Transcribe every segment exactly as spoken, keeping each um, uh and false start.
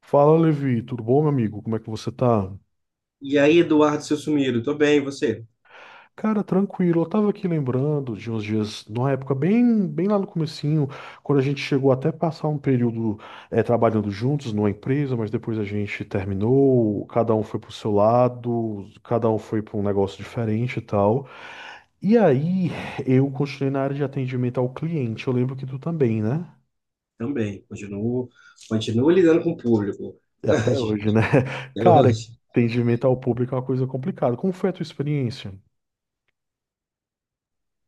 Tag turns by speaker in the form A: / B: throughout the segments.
A: Fala, Levi, tudo bom, meu amigo? Como é que você tá?
B: E aí, Eduardo, seu sumido, tô bem, e você?
A: Cara, tranquilo. Eu tava aqui lembrando de uns dias, numa época bem, bem lá no comecinho, quando a gente chegou até passar um período eh, trabalhando juntos numa empresa, mas depois a gente terminou, cada um foi pro seu lado, cada um foi pra um negócio diferente e tal. E aí, eu continuei na área de atendimento ao cliente. Eu lembro que tu também, né?
B: Também, continuo, continuo lidando com o público.
A: E até hoje, né?
B: É
A: Cara,
B: hoje.
A: atendimento ao público é uma coisa complicada. Como foi a tua experiência?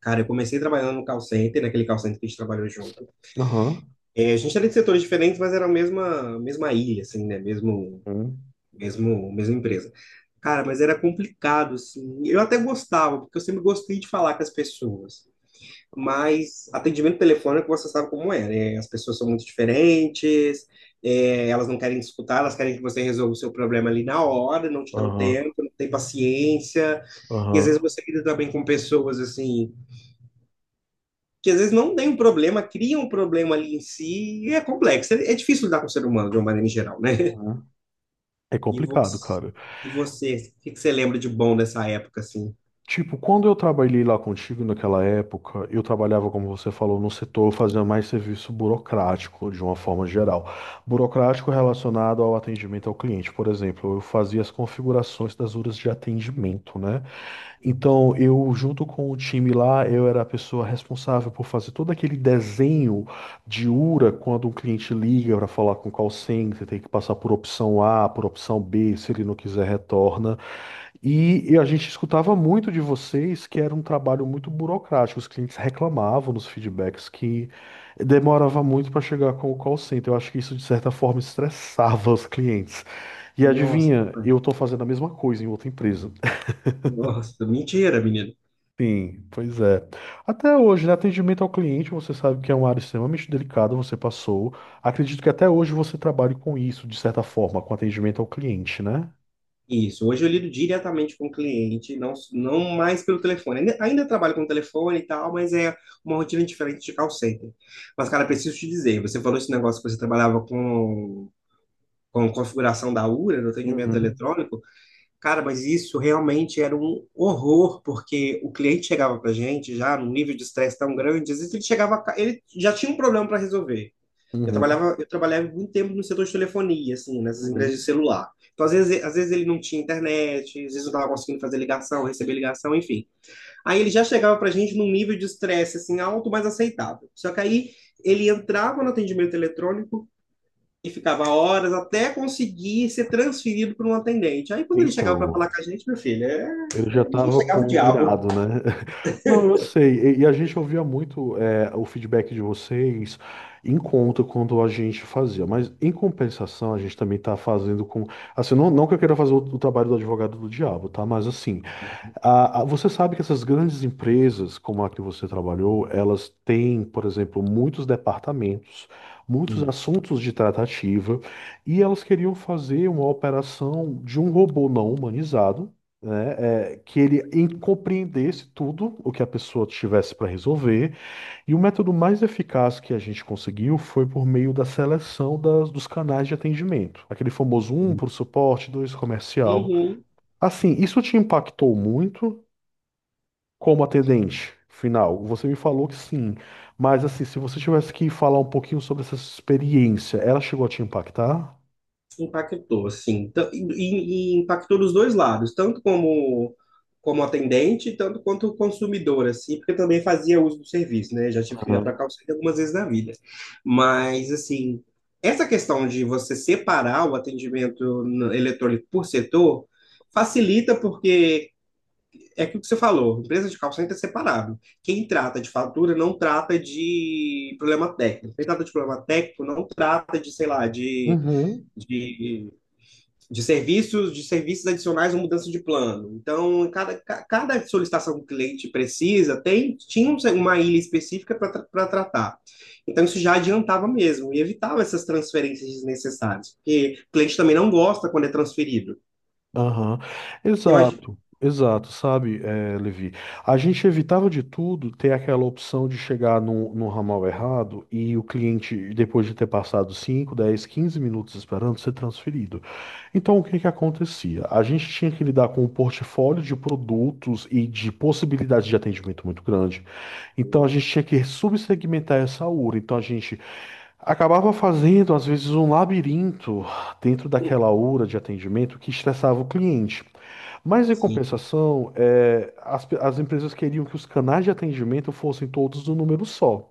B: Cara, eu comecei trabalhando no call center, naquele call center que a gente trabalhou junto.
A: Aham.
B: É, a gente era de setores diferentes, mas era a mesma, mesma ilha, assim, né? Mesmo, mesmo, mesma empresa. Cara, mas era complicado, assim. Eu até gostava, porque eu sempre gostei de falar com as pessoas. Mas atendimento telefônico você sabe como é, né? As pessoas são muito diferentes, é, elas não querem escutar, elas querem que você resolva o seu problema ali na hora, não te dão
A: Aham,
B: tempo, não tem paciência. E às
A: aham.
B: vezes você lida também com pessoas assim, que às vezes não tem um problema, criam um problema ali em si, e é complexo. É, é difícil lidar com o ser humano de uma maneira em geral, né?
A: Uhum. É
B: E
A: complicado,
B: você,
A: cara.
B: e você, o que que você lembra de bom dessa época, assim?
A: Tipo, quando eu trabalhei lá contigo naquela época, eu trabalhava, como você falou, no setor fazendo mais serviço burocrático, de uma forma geral. Burocrático relacionado ao atendimento ao cliente. Por exemplo, eu fazia as configurações das horas de atendimento, né? Então, eu, junto com o time lá, eu era a pessoa responsável por fazer todo aquele desenho de URA quando um cliente liga para falar com o call center, tem que passar por opção A, por opção B, se ele não quiser, retorna. E, e a gente escutava muito de vocês que era um trabalho muito burocrático, os clientes reclamavam nos feedbacks que demorava muito para chegar com o call center. Eu acho que isso, de certa forma, estressava os clientes. E
B: Nossa,
A: adivinha, eu estou fazendo a mesma coisa em outra empresa.
B: nossa, mentira, menino.
A: Sim, pois é. Até hoje, né, atendimento ao cliente, você sabe que é uma área extremamente delicada, você passou. Acredito que até hoje você trabalhe com isso, de certa forma, com atendimento ao cliente, né?
B: Isso, hoje eu lido diretamente com o cliente, não, não mais pelo telefone. Ainda, ainda trabalho com telefone e tal, mas é uma rotina diferente de call center. Mas, cara, preciso te dizer, você falou esse negócio que você trabalhava com, com configuração da U R A, do atendimento
A: Uhum,
B: eletrônico. Cara, mas isso realmente era um horror, porque o cliente chegava pra gente já num nível de estresse tão grande, às vezes ele chegava, ca- ele já tinha um problema para resolver. Eu
A: uhum,
B: trabalhava, eu trabalhava muito tempo no setor de telefonia, assim, nessas empresas de
A: uhum.
B: celular. Então, às vezes, às vezes ele não tinha internet, às vezes não estava conseguindo fazer ligação, receber ligação, enfim. Aí ele já chegava para a gente num nível de estresse, assim, alto, mas aceitável. Só que aí ele entrava no atendimento eletrônico e ficava horas até conseguir ser transferido para um atendente. Aí quando ele chegava para
A: Então,
B: falar com a gente, meu filho, é-
A: ele já
B: ele já
A: estava
B: chegava o
A: com
B: diabo.
A: irado, né? Não, eu sei. E, e a gente ouvia muito é, o feedback de vocês em conta quando a gente fazia. Mas, em compensação, a gente também está fazendo com... Assim, não, não que eu queira fazer o, o trabalho do advogado do diabo, tá? Mas, assim... Ah, ah, você sabe que essas grandes empresas, como a que você trabalhou, elas têm, por exemplo, muitos departamentos, muitos
B: Isso.
A: assuntos de tratativa, e elas queriam fazer uma operação de um robô não humanizado, né, é, que ele em- compreendesse tudo o que a pessoa tivesse para resolver. E o método mais eficaz que a gente conseguiu foi por meio da seleção das- dos canais de atendimento, aquele famoso um para o suporte, dois comercial.
B: Uhum,
A: Assim, isso te impactou muito? Como atendente final, você me falou que sim, mas assim, se você tivesse que falar um pouquinho sobre essa experiência, ela chegou a te impactar?
B: impactou, assim. Tan- E, e e impactou dos dois lados, tanto como, como atendente, tanto quanto consumidor, assim, porque eu também fazia uso do serviço, né? Já tive que ligar para a
A: Aham.
B: call center algumas vezes na vida. Mas, assim, essa questão de você separar o atendimento no- eletrônico por setor facilita, porque é aquilo que você falou, empresa de call center é separável. Quem trata de fatura não trata de problema técnico. Quem trata de problema técnico não trata de, sei lá, de,
A: Uhum.
B: de, de serviços, de serviços adicionais ou mudança de plano. Então, cada, ca- cada solicitação que o cliente precisa tem, tinha uma ilha específica para tratar. Então, isso já adiantava mesmo e evitava essas transferências desnecessárias, porque o cliente também não gosta quando é transferido.
A: Aham.
B: Imagina.
A: Exato, exato, sabe, eh, Levi? A gente evitava de tudo ter aquela opção de chegar no, no ramal errado e o cliente, depois de ter passado cinco, dez, quinze minutos esperando, ser transferido. Então, o que que acontecia? A gente tinha que lidar com um portfólio de produtos e de possibilidades de atendimento muito grande. Então a
B: Hum,
A: gente tinha que subsegmentar essa URA. Então a gente acabava fazendo, às vezes, um labirinto dentro daquela URA de atendimento que estressava o cliente. Mas em
B: Sim.
A: compensação, é, as, pe- as empresas queriam que os canais de atendimento fossem todos no número só.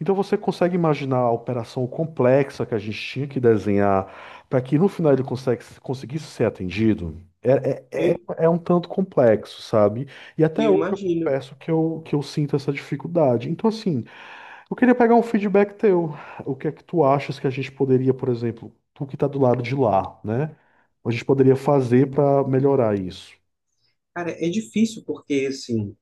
A: Então você consegue imaginar a operação complexa que a gente tinha que desenhar para que no final ele consegue- conseguisse ser atendido? É, é, é-
B: Eu,
A: é um tanto complexo, sabe? E até
B: eu
A: hoje eu
B: imagino.
A: confesso que eu, que eu sinto essa dificuldade. Então, assim, eu queria pegar um feedback teu. O que é que tu achas que a gente poderia, por exemplo, tu que está do lado de lá, né? A gente poderia fazer para melhorar isso?
B: Cara, é difícil porque, assim,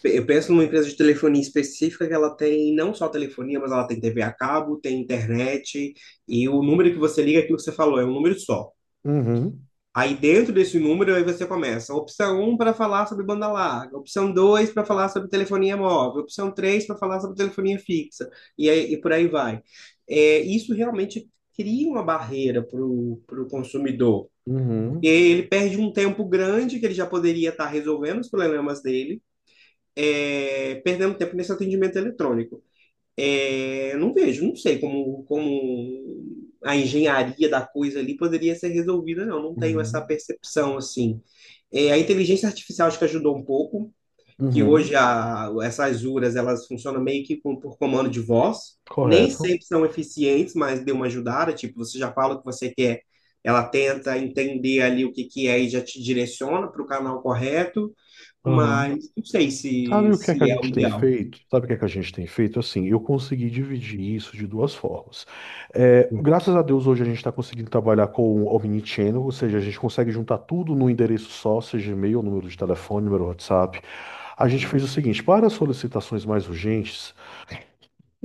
B: pe- eu penso numa empresa de telefonia específica que ela tem não só telefonia, mas ela tem T V a cabo, tem internet, e o número que você liga, é aquilo que você falou, é um número só.
A: Uhum,
B: Aí dentro desse número, aí você começa. Opção um para falar sobre banda larga, opção dois para falar sobre telefonia móvel, opção três para falar sobre telefonia fixa, e, aí, e por aí vai. É, isso realmente cria uma barreira para o consumidor, porque
A: uhum,
B: ele perde um tempo grande que ele já poderia estar resolvendo os problemas dele, é, perdendo tempo nesse atendimento eletrônico. É, não vejo, não sei como, como a engenharia da coisa ali poderia ser resolvida, não. Não tenho essa
A: uhum,
B: percepção assim. É, a inteligência artificial acho que ajudou um pouco, que hoje
A: uhum.
B: a, essas U R As elas funcionam meio que com- por comando de voz. Nem
A: Correto.
B: sempre são eficientes, mas deu uma ajudada. Tipo, você já fala o que você quer, ela tenta entender ali o que que é e já te direciona para o canal correto
A: Uhum.
B: mas não sei
A: Sabe
B: se,
A: o que é que a
B: se é o
A: gente tem
B: ideal.
A: feito? Sabe o que é que a gente tem feito? Assim, eu consegui dividir isso de duas formas. É, graças a Deus, hoje a gente está conseguindo trabalhar com o Omnichannel, ou seja, a gente consegue juntar tudo num endereço só, seja e-mail, número de telefone, número de WhatsApp. A gente fez
B: Uhum,
A: o seguinte, para as solicitações mais urgentes,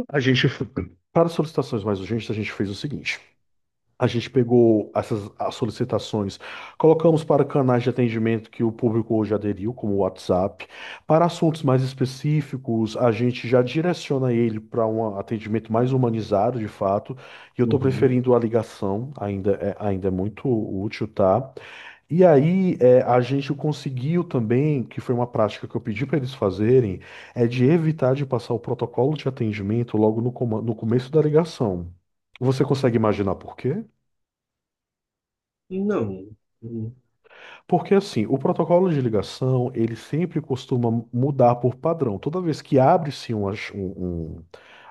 A: a gente, para as solicitações mais urgentes, a gente fez o seguinte. A gente pegou essas as solicitações, colocamos para canais de atendimento que o público hoje aderiu, como o WhatsApp. Para assuntos mais específicos, a gente já direciona ele para um atendimento mais humanizado, de fato. E eu estou
B: uhum.
A: preferindo a ligação, ainda é, ainda é muito útil, tá? E aí, é, a gente conseguiu também, que foi uma prática que eu pedi para eles fazerem, é de evitar de passar o protocolo de atendimento logo no, coma- no começo da ligação. Você consegue imaginar por quê?
B: Não, não
A: Porque assim, o protocolo de ligação, ele sempre costuma mudar por padrão. Toda vez que abre-se uma ch- um, um-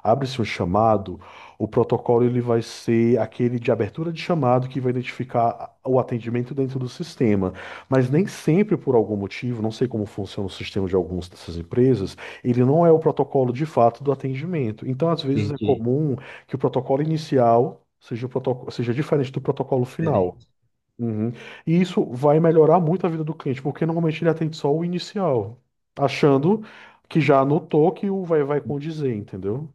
A: abre-se um chamado, o protocolo ele vai ser aquele de abertura de chamado que vai identificar o atendimento dentro do sistema. Mas nem sempre, por algum motivo, não sei como funciona o sistema de algumas dessas empresas, ele não é o protocolo de fato do atendimento. Então, às vezes,
B: sei
A: é
B: de
A: comum que o protocolo inicial seja, o protoco- seja diferente do protocolo final.
B: diferente.
A: Uhum. E isso vai melhorar muito a vida do cliente, porque normalmente ele atende só o inicial, achando que já anotou que o vai vai condizer, entendeu?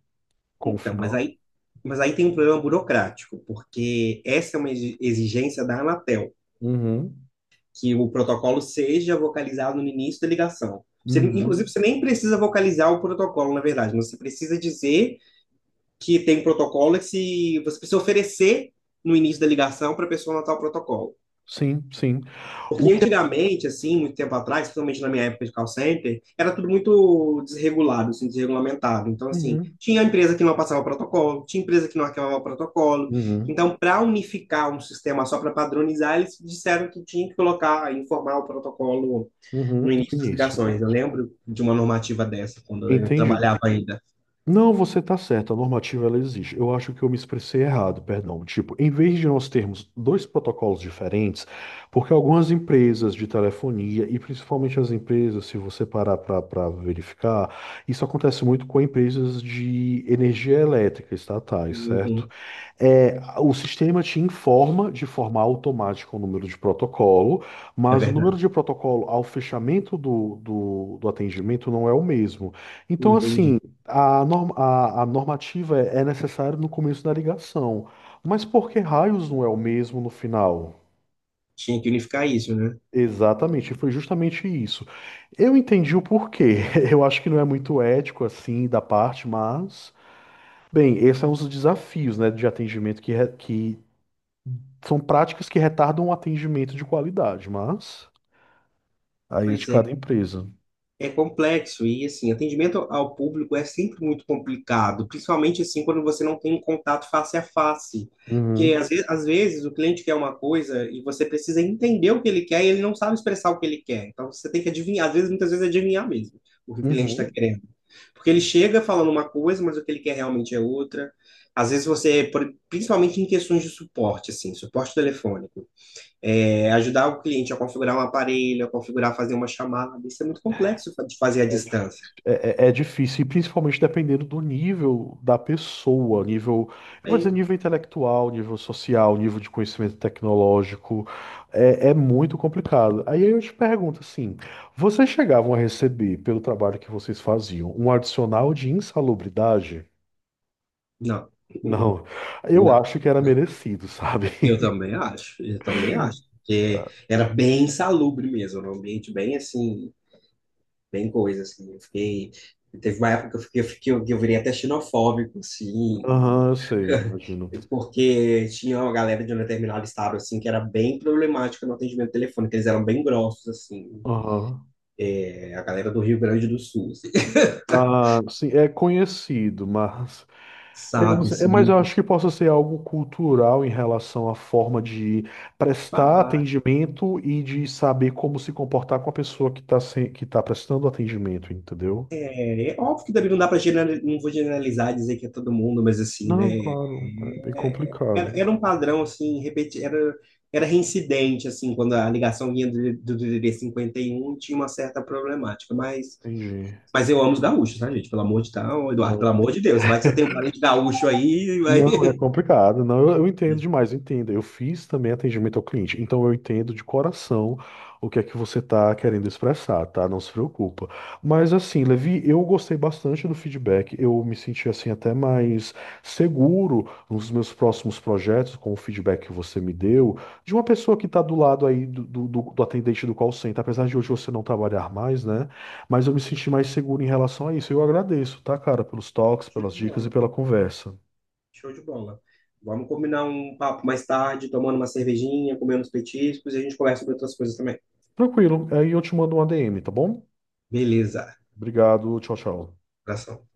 A: Com o
B: Então, mas
A: final.
B: aí, mas aí tem um problema burocrático, porque essa é uma exi- exigência da Anatel,
A: Uhum.
B: que o protocolo seja vocalizado no início da ligação. Você, inclusive,
A: Uhum.
B: você nem precisa vocalizar o protocolo, na verdade, mas você precisa dizer que tem um protocolo e que se, você precisa oferecer no início da ligação para a pessoa anotar o protocolo.
A: Sim, sim. O
B: Porque
A: que é.
B: antigamente, assim, muito tempo atrás, principalmente na minha época de call center, era tudo muito desregulado, assim, desregulamentado. Então, assim,
A: Uhum.
B: tinha empresa que não passava protocolo, tinha empresa que não arquivava protocolo.
A: Uhum.
B: Então, para unificar um sistema só para padronizar, eles disseram que tinha que colocar, informar o protocolo
A: Uhum.
B: no
A: No
B: início das
A: início, né?
B: ligações. Eu lembro de uma normativa dessa, quando eu
A: Entendido.
B: trabalhava ainda.
A: Não, você está certo, a normativa ela existe. Eu acho que eu me expressei errado, perdão. Tipo, em vez de nós termos dois protocolos diferentes, porque algumas empresas de telefonia, e principalmente as empresas, se você parar para verificar, isso acontece muito com empresas de energia elétrica estatais, certo?
B: Uhum,
A: É, o sistema te informa de forma automática o número de protocolo,
B: é
A: mas o número
B: verdade.
A: de protocolo ao fechamento do, do, do atendimento não é o mesmo. Então,
B: Entendi.
A: assim, a, norm- a, a normativa é é necessária no começo da ligação, mas por que raios não é o mesmo no final?
B: Tinha que unificar isso, né?
A: Exatamente, foi justamente isso. Eu entendi o porquê. Eu acho que não é muito ético assim da parte, mas. Bem, esses são os desafios, né, de atendimento que, re- que são práticas que retardam o atendimento de qualidade, mas aí é de
B: Pois é.
A: cada empresa.
B: É complexo e assim, atendimento ao público é sempre muito complicado, principalmente assim quando você não tem um contato face a face. Porque
A: Uhum,
B: às ve- às vezes, o cliente quer uma coisa e você precisa entender o que ele quer e ele não sabe expressar o que ele quer. Então você tem que adivinhar, às vezes, muitas vezes adivinhar mesmo o que o cliente está
A: uhum.
B: querendo. Porque ele chega falando uma coisa, mas o que ele quer realmente é outra. Às vezes você, por- principalmente em questões de suporte, assim, suporte telefônico é, ajudar o cliente a configurar um aparelho, a configurar, fazer uma chamada. Isso é muito complexo fa- de fazer à distância.
A: É, é- é difícil, e principalmente dependendo do nível da pessoa, nível, eu vou dizer
B: Aí,
A: nível intelectual, nível social, nível de conhecimento tecnológico, é, é muito complicado. Aí eu te pergunto assim, vocês chegavam a receber, pelo trabalho que vocês faziam, um adicional de insalubridade?
B: não,
A: Não, eu
B: não.
A: acho que era merecido, sabe?
B: Eu também acho, eu também acho. Porque era bem insalubre mesmo, era um ambiente bem assim, bem coisa assim. Eu fiquei, teve uma época que eu fiquei, eu fiquei- que eu virei até xenofóbico, assim,
A: Aham, eu sei, imagino.
B: e- porque tinha uma galera de um determinado estado, assim, que era bem problemática no atendimento telefônico, eles eram bem grossos, assim,
A: Aham.
B: é, a galera do Rio Grande do Sul, assim,
A: Ah, sim, é conhecido, mas eu, não
B: sabe,
A: sei- é,
B: assim,
A: mas eu
B: de
A: acho que possa ser algo cultural em relação à forma de prestar
B: falar.
A: atendimento e de saber como se comportar com a pessoa que está que tá prestando atendimento, entendeu?
B: É, é óbvio que também não dá para não vou generalizar e dizer que é todo mundo, mas assim,
A: Não,
B: né?
A: claro, é bem
B: É, era,
A: complicado.
B: era um padrão assim, repeti, era, era reincidente assim, quando a ligação vinha do, do D D D cinquenta e um tinha uma certa problemática, mas
A: Entendi.
B: mas eu amo os gaúchos, tá, gente? Pelo amor de tal, Eduardo,
A: Não.
B: pelo amor de Deus, vai que você tem um parente gaúcho aí, vai.
A: Não, é complicado. Não, eu, eu entendo demais, eu entendo. Eu fiz também atendimento ao cliente, então eu entendo de coração o que é que você está querendo expressar, tá? Não se preocupa. Mas assim, Levi, eu gostei bastante do feedback. Eu me senti assim até mais seguro nos meus próximos projetos com o feedback que você me deu de uma pessoa que está do lado aí do, do, do- do atendente do call center, apesar de hoje você não trabalhar mais, né? Mas eu me senti mais seguro em relação a isso. Eu agradeço, tá, cara, pelos toques,
B: Show
A: pelas
B: de
A: dicas e
B: bola,
A: pela conversa.
B: show de bola. Vamos combinar um papo mais tarde, tomando uma cervejinha, comendo uns petiscos e a gente conversa sobre outras coisas também.
A: Tranquilo. Aí eu te mando um a dê eme, tá bom?
B: Beleza,
A: Obrigado. Tchau, tchau.
B: abração.